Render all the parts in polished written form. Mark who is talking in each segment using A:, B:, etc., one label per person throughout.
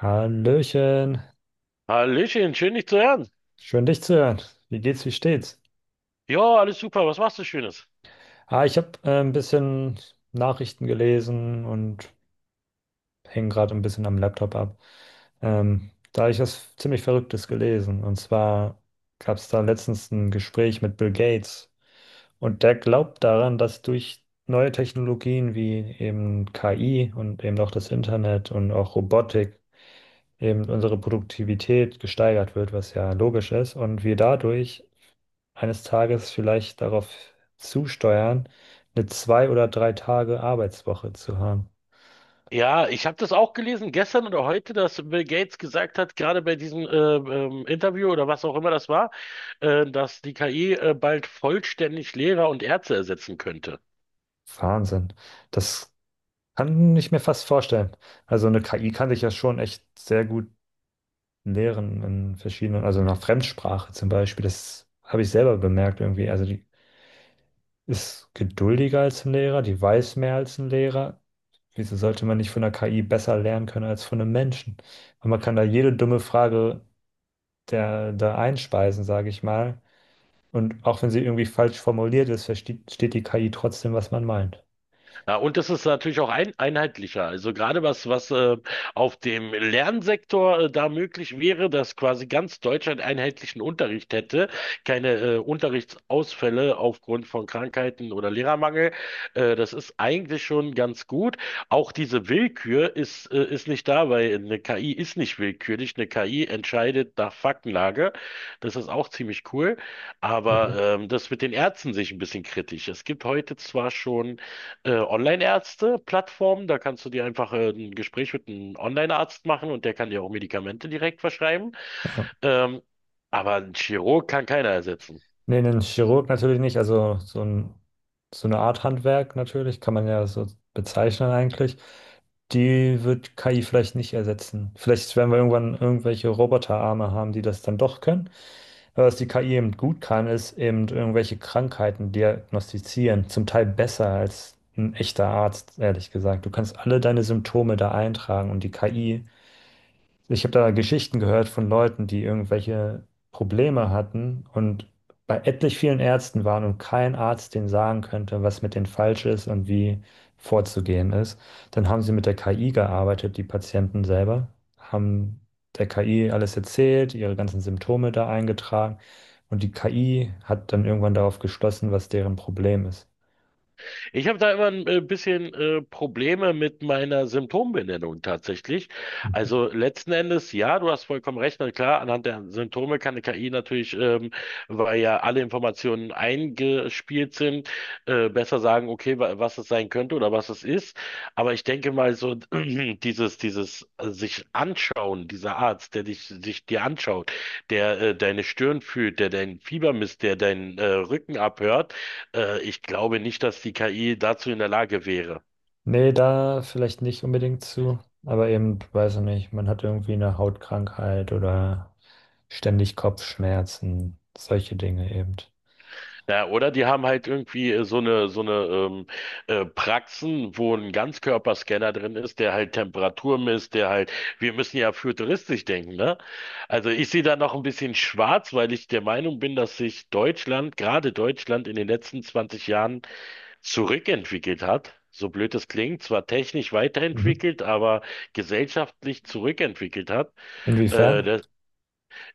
A: Hallöchen,
B: Hallöchen, schön dich zu hören.
A: schön dich zu hören. Wie geht's, wie steht's?
B: Ja, alles super, was machst du Schönes?
A: Ah, ich habe ein bisschen Nachrichten gelesen und hänge gerade ein bisschen am Laptop ab. Da hab ich was ziemlich Verrücktes gelesen. Und zwar gab es da letztens ein Gespräch mit Bill Gates, und der glaubt daran, dass durch neue Technologien wie eben KI und eben auch das Internet und auch Robotik eben unsere Produktivität gesteigert wird, was ja logisch ist, und wir dadurch eines Tages vielleicht darauf zusteuern, eine zwei oder drei Tage Arbeitswoche zu haben.
B: Ja, ich habe das auch gelesen gestern oder heute, dass Bill Gates gesagt hat, gerade bei diesem Interview oder was auch immer das war, dass die KI bald vollständig Lehrer und Ärzte ersetzen könnte.
A: Wahnsinn. Das kann ich mir fast vorstellen. Also eine KI kann sich ja schon echt sehr gut lehren in verschiedenen, also nach Fremdsprache zum Beispiel. Das habe ich selber bemerkt irgendwie. Also die ist geduldiger als ein Lehrer, die weiß mehr als ein Lehrer. Wieso sollte man nicht von der KI besser lernen können als von einem Menschen? Und man kann da jede dumme Frage der, da einspeisen, sage ich mal. Und auch wenn sie irgendwie falsch formuliert ist, versteht die KI trotzdem, was man meint.
B: Ja, und das ist natürlich auch einheitlicher. Also gerade was auf dem Lernsektor da möglich wäre, dass quasi ganz Deutschland einheitlichen Unterricht hätte, keine Unterrichtsausfälle aufgrund von Krankheiten oder Lehrermangel. Das ist eigentlich schon ganz gut. Auch diese Willkür ist nicht da, weil eine KI ist nicht willkürlich. Eine KI entscheidet nach Faktenlage. Das ist auch ziemlich cool. Aber
A: Mhm.
B: das mit den Ärzten sehe ich ein bisschen kritisch. Es gibt heute zwar schon Online-Ärzte-Plattformen. Da kannst du dir einfach ein Gespräch mit einem Online-Arzt machen und der kann dir auch Medikamente direkt verschreiben.
A: Ja.
B: Ähm, aber ein Chirurg kann keiner ersetzen.
A: Nee, einen Chirurg natürlich nicht, also so ein, so eine Art Handwerk natürlich, kann man ja so bezeichnen eigentlich. Die wird KI vielleicht nicht ersetzen. Vielleicht werden wir irgendwann irgendwelche Roboterarme haben, die das dann doch können. Aber was die KI eben gut kann, ist eben irgendwelche Krankheiten diagnostizieren, zum Teil besser als ein echter Arzt, ehrlich gesagt. Du kannst alle deine Symptome da eintragen und die KI. Ich habe da Geschichten gehört von Leuten, die irgendwelche Probleme hatten und bei etlich vielen Ärzten waren und kein Arzt denen sagen könnte, was mit denen falsch ist und wie vorzugehen ist. Dann haben sie mit der KI gearbeitet, die Patienten selber, haben der KI alles erzählt, ihre ganzen Symptome da eingetragen, und die KI hat dann irgendwann darauf geschlossen, was deren Problem ist.
B: Ich habe da immer ein bisschen Probleme mit meiner Symptombenennung tatsächlich. Also letzten Endes, ja, du hast vollkommen recht. Na klar, anhand der Symptome kann eine KI natürlich, weil ja alle Informationen eingespielt sind, besser sagen, okay, was es sein könnte oder was es ist. Aber ich denke mal so, dieses sich anschauen, dieser Arzt, sich dir anschaut, der deine Stirn fühlt, der dein Fieber misst, der deinen Rücken abhört, ich glaube nicht, dass die KI dazu in der Lage wäre.
A: Nee, da vielleicht nicht unbedingt zu, aber eben, weiß ich nicht, man hat irgendwie eine Hautkrankheit oder ständig Kopfschmerzen, solche Dinge eben.
B: Naja, oder die haben halt irgendwie so eine, so eine Praxen, wo ein Ganzkörperscanner drin ist, der halt Temperatur misst, der halt, wir müssen ja futuristisch denken, ne? Also ich sehe da noch ein bisschen schwarz, weil ich der Meinung bin, dass sich Deutschland, gerade Deutschland, in den letzten 20 Jahren zurückentwickelt hat. So blöd es klingt, zwar technisch
A: Mhm.
B: weiterentwickelt, aber gesellschaftlich zurückentwickelt hat.
A: Inwiefern?
B: Äh,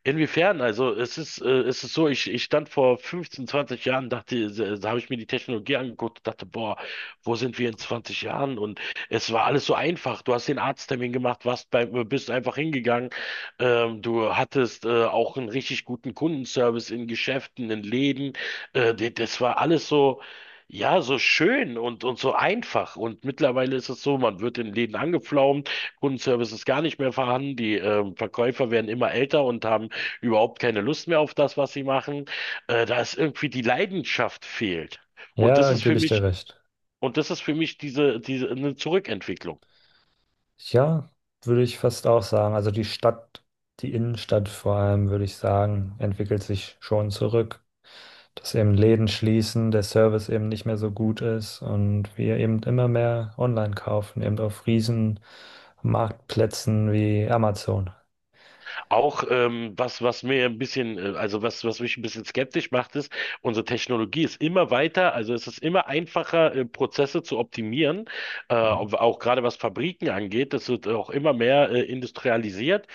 B: Inwiefern? Also es ist so, ich stand vor 15, 20 Jahren, dachte, da habe ich mir die Technologie angeguckt und dachte, boah, wo sind wir in 20 Jahren? Und es war alles so einfach. Du hast den Arzttermin gemacht, bist einfach hingegangen. Du hattest auch einen richtig guten Kundenservice in Geschäften, in Läden. Das war alles so. Ja, so schön und so einfach. Und mittlerweile ist es so, man wird in Läden angepflaumt, Kundenservice ist gar nicht mehr vorhanden, die Verkäufer werden immer älter und haben überhaupt keine Lust mehr auf das, was sie machen. Da ist irgendwie die Leidenschaft fehlt. Und
A: Ja,
B: das
A: da
B: ist für
A: gebe ich dir
B: mich,
A: recht.
B: und das ist für mich diese eine Zurückentwicklung.
A: Ja, würde ich fast auch sagen. Also die Stadt, die Innenstadt vor allem, würde ich sagen, entwickelt sich schon zurück. Dass eben Läden schließen, der Service eben nicht mehr so gut ist und wir eben immer mehr online kaufen, eben auf riesen Marktplätzen wie Amazon.
B: Auch was, was mir ein bisschen, also was, was mich ein bisschen skeptisch macht, ist, unsere Technologie ist immer weiter, also es ist immer einfacher, Prozesse zu optimieren,
A: Mhm.
B: auch gerade was Fabriken angeht, das wird auch immer mehr industrialisiert,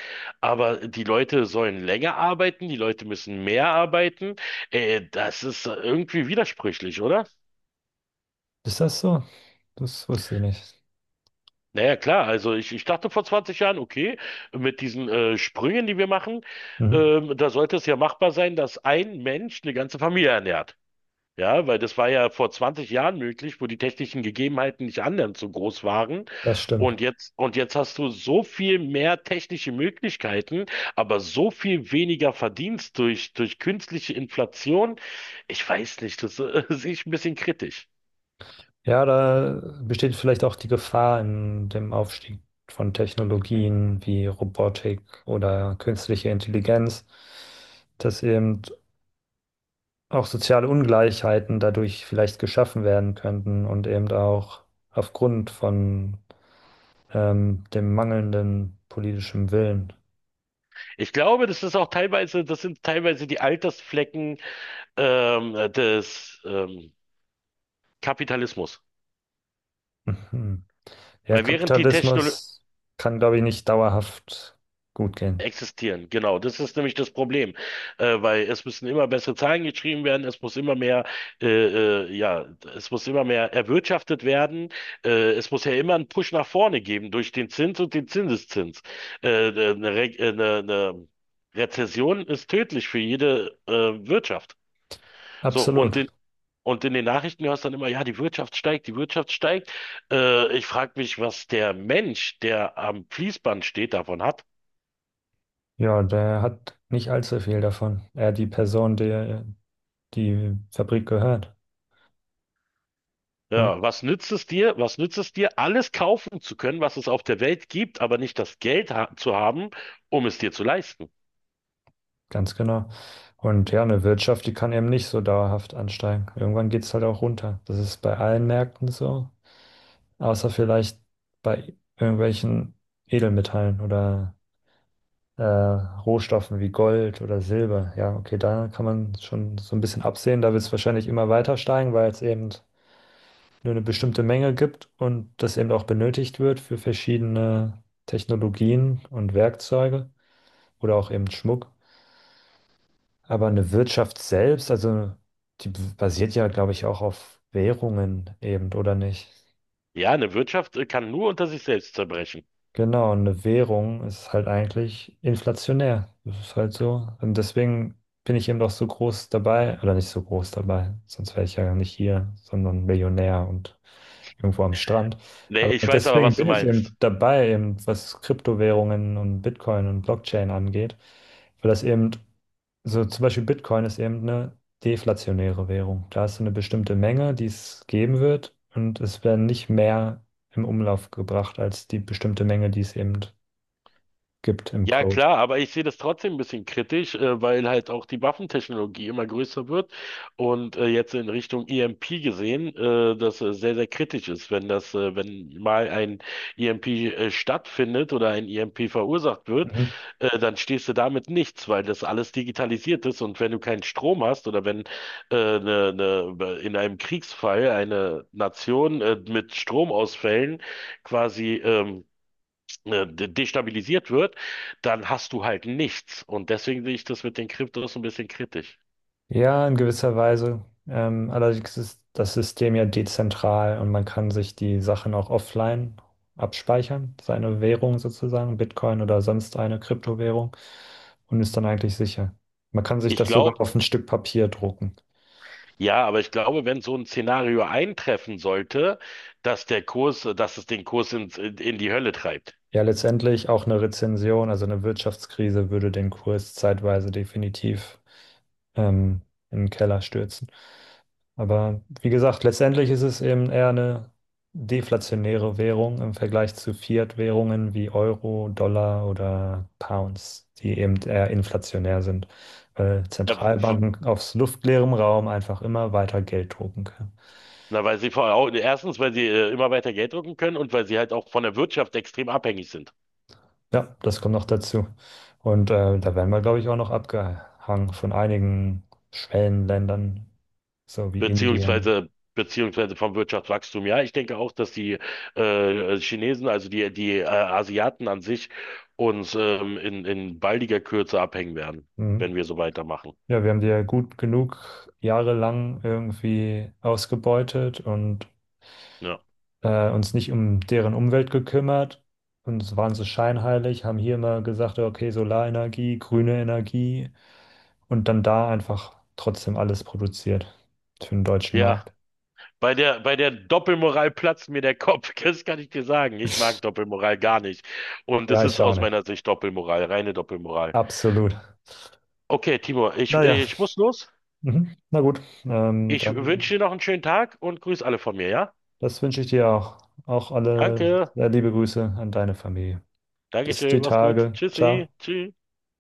B: aber die Leute sollen länger arbeiten, die Leute müssen mehr arbeiten, das ist irgendwie widersprüchlich, oder?
A: Ist das so? Das wusste ich nicht.
B: Naja, klar, also ich dachte vor 20 Jahren, okay, mit diesen Sprüngen, die wir machen,
A: Mhm.
B: da sollte es ja machbar sein, dass ein Mensch eine ganze Familie ernährt. Ja, weil das war ja vor 20 Jahren möglich, wo die technischen Gegebenheiten nicht annähernd so groß waren.
A: Das stimmt.
B: Und jetzt hast du so viel mehr technische Möglichkeiten, aber so viel weniger Verdienst durch künstliche Inflation. Ich weiß nicht, das sehe ich ein bisschen kritisch.
A: Ja, da besteht vielleicht auch die Gefahr in dem Aufstieg von Technologien wie Robotik oder künstliche Intelligenz, dass eben auch soziale Ungleichheiten dadurch vielleicht geschaffen werden könnten und eben auch aufgrund von dem mangelnden politischen Willen.
B: Ich glaube, das sind teilweise die Altersflecken, des Kapitalismus.
A: Mhm. Ja,
B: Weil während die Technologie
A: Kapitalismus kann, glaube ich, nicht dauerhaft gut gehen.
B: existieren, genau, das ist nämlich das Problem. Weil es müssen immer bessere Zahlen geschrieben werden, es muss immer mehr, ja, es muss immer mehr erwirtschaftet werden, es muss ja immer einen Push nach vorne geben durch den Zins und den Zinseszins. Eine Rezession ist tödlich für jede Wirtschaft. So, und
A: Absolut.
B: den Und in den Nachrichten hörst du dann immer, ja, die Wirtschaft steigt, die Wirtschaft steigt. Ich frage mich, was der Mensch, der am Fließband steht, davon hat.
A: Ja, der hat nicht allzu viel davon. Er, die Person, der die Fabrik gehört. Ne?
B: Ja, was nützt es dir? Was nützt es dir, alles kaufen zu können, was es auf der Welt gibt, aber nicht das Geld ha zu haben, um es dir zu leisten?
A: Ganz genau. Und ja, eine Wirtschaft, die kann eben nicht so dauerhaft ansteigen. Irgendwann geht es halt auch runter. Das ist bei allen Märkten so, außer vielleicht bei irgendwelchen Edelmetallen oder Rohstoffen wie Gold oder Silber. Ja, okay, da kann man schon so ein bisschen absehen. Da wird es wahrscheinlich immer weiter steigen, weil es eben nur eine bestimmte Menge gibt und das eben auch benötigt wird für verschiedene Technologien und Werkzeuge oder auch eben Schmuck. Aber eine Wirtschaft selbst, also die basiert ja, glaube ich, auch auf Währungen eben, oder nicht?
B: Ja, eine Wirtschaft kann nur unter sich selbst zerbrechen.
A: Genau, und eine Währung ist halt eigentlich inflationär. Das ist halt so. Und deswegen bin ich eben doch so groß dabei, oder nicht so groß dabei, sonst wäre ich ja nicht hier, sondern Millionär und irgendwo am Strand.
B: Nee,
A: Aber
B: ich weiß aber,
A: deswegen
B: was du
A: bin ich
B: meinst.
A: eben dabei, eben was Kryptowährungen und Bitcoin und Blockchain angeht, weil das eben, so zum Beispiel Bitcoin ist eben eine deflationäre Währung. Da hast du eine bestimmte Menge, die es geben wird, und es werden nicht mehr im Umlauf gebracht als die bestimmte Menge, die es eben gibt im
B: Ja,
A: Code.
B: klar, aber ich sehe das trotzdem ein bisschen kritisch, weil halt auch die Waffentechnologie immer größer wird und jetzt in Richtung EMP gesehen, das sehr, sehr kritisch ist, wenn wenn mal ein EMP stattfindet oder ein EMP verursacht wird,
A: Mhm.
B: dann stehst du damit nichts, weil das alles digitalisiert ist und wenn du keinen Strom hast oder wenn ne, in einem Kriegsfall eine Nation mit Stromausfällen quasi destabilisiert wird, dann hast du halt nichts. Und deswegen sehe ich das mit den Kryptos ein bisschen kritisch.
A: Ja, in gewisser Weise. Allerdings ist das System ja dezentral und man kann sich die Sachen auch offline abspeichern, seine Währung sozusagen, Bitcoin oder sonst eine Kryptowährung, und ist dann eigentlich sicher. Man kann sich
B: Ich
A: das sogar
B: glaube,
A: auf ein Stück Papier drucken.
B: ja, aber ich glaube, wenn so ein Szenario eintreffen sollte, dass der dass es den Kurs in die Hölle treibt.
A: Ja, letztendlich auch eine Rezession, also eine Wirtschaftskrise würde den Kurs zeitweise definitiv ähm, in den Keller stürzen. Aber wie gesagt, letztendlich ist es eben eher eine deflationäre Währung im Vergleich zu Fiat-Währungen wie Euro, Dollar oder Pounds, die eben eher inflationär sind, weil
B: Na, f-
A: Zentralbanken aus luftleerem Raum einfach immer weiter Geld drucken können.
B: weil sie erstens, weil sie immer weiter Geld drucken können und weil sie halt auch von der Wirtschaft extrem abhängig sind.
A: Ja, das kommt noch dazu. Und da werden wir, glaube ich, auch noch abgehangen von einigen Schwellenländern, so wie Indien.
B: Beziehungsweise beziehungsweise vom Wirtschaftswachstum. Ja, ich denke auch, dass die Chinesen, also die Asiaten an sich, uns in baldiger Kürze abhängen werden,
A: Mhm.
B: wenn wir so weitermachen.
A: Ja, wir haben die ja gut genug jahrelang irgendwie ausgebeutet und
B: Ja,
A: uns nicht um deren Umwelt gekümmert. Und es waren so scheinheilig, haben hier immer gesagt, okay, Solarenergie, grüne Energie, und dann da einfach trotzdem alles produziert für den deutschen
B: ja.
A: Markt.
B: Bei der Doppelmoral platzt mir der Kopf. Das kann ich dir sagen. Ich mag Doppelmoral gar nicht. Und es
A: Ja, ich
B: ist
A: auch
B: aus
A: nicht.
B: meiner Sicht Doppelmoral, reine Doppelmoral.
A: Absolut.
B: Okay, Timo,
A: Naja.
B: ich muss los.
A: Mhm. Na gut,
B: Ich wünsche
A: dann
B: dir noch einen schönen Tag und grüß alle von mir, ja?
A: das wünsche ich dir auch. Auch alle
B: Danke.
A: liebe Grüße an deine Familie. Bis die
B: Dankeschön, mach's gut.
A: Tage. Ciao.
B: Tschüssi. Tschüss.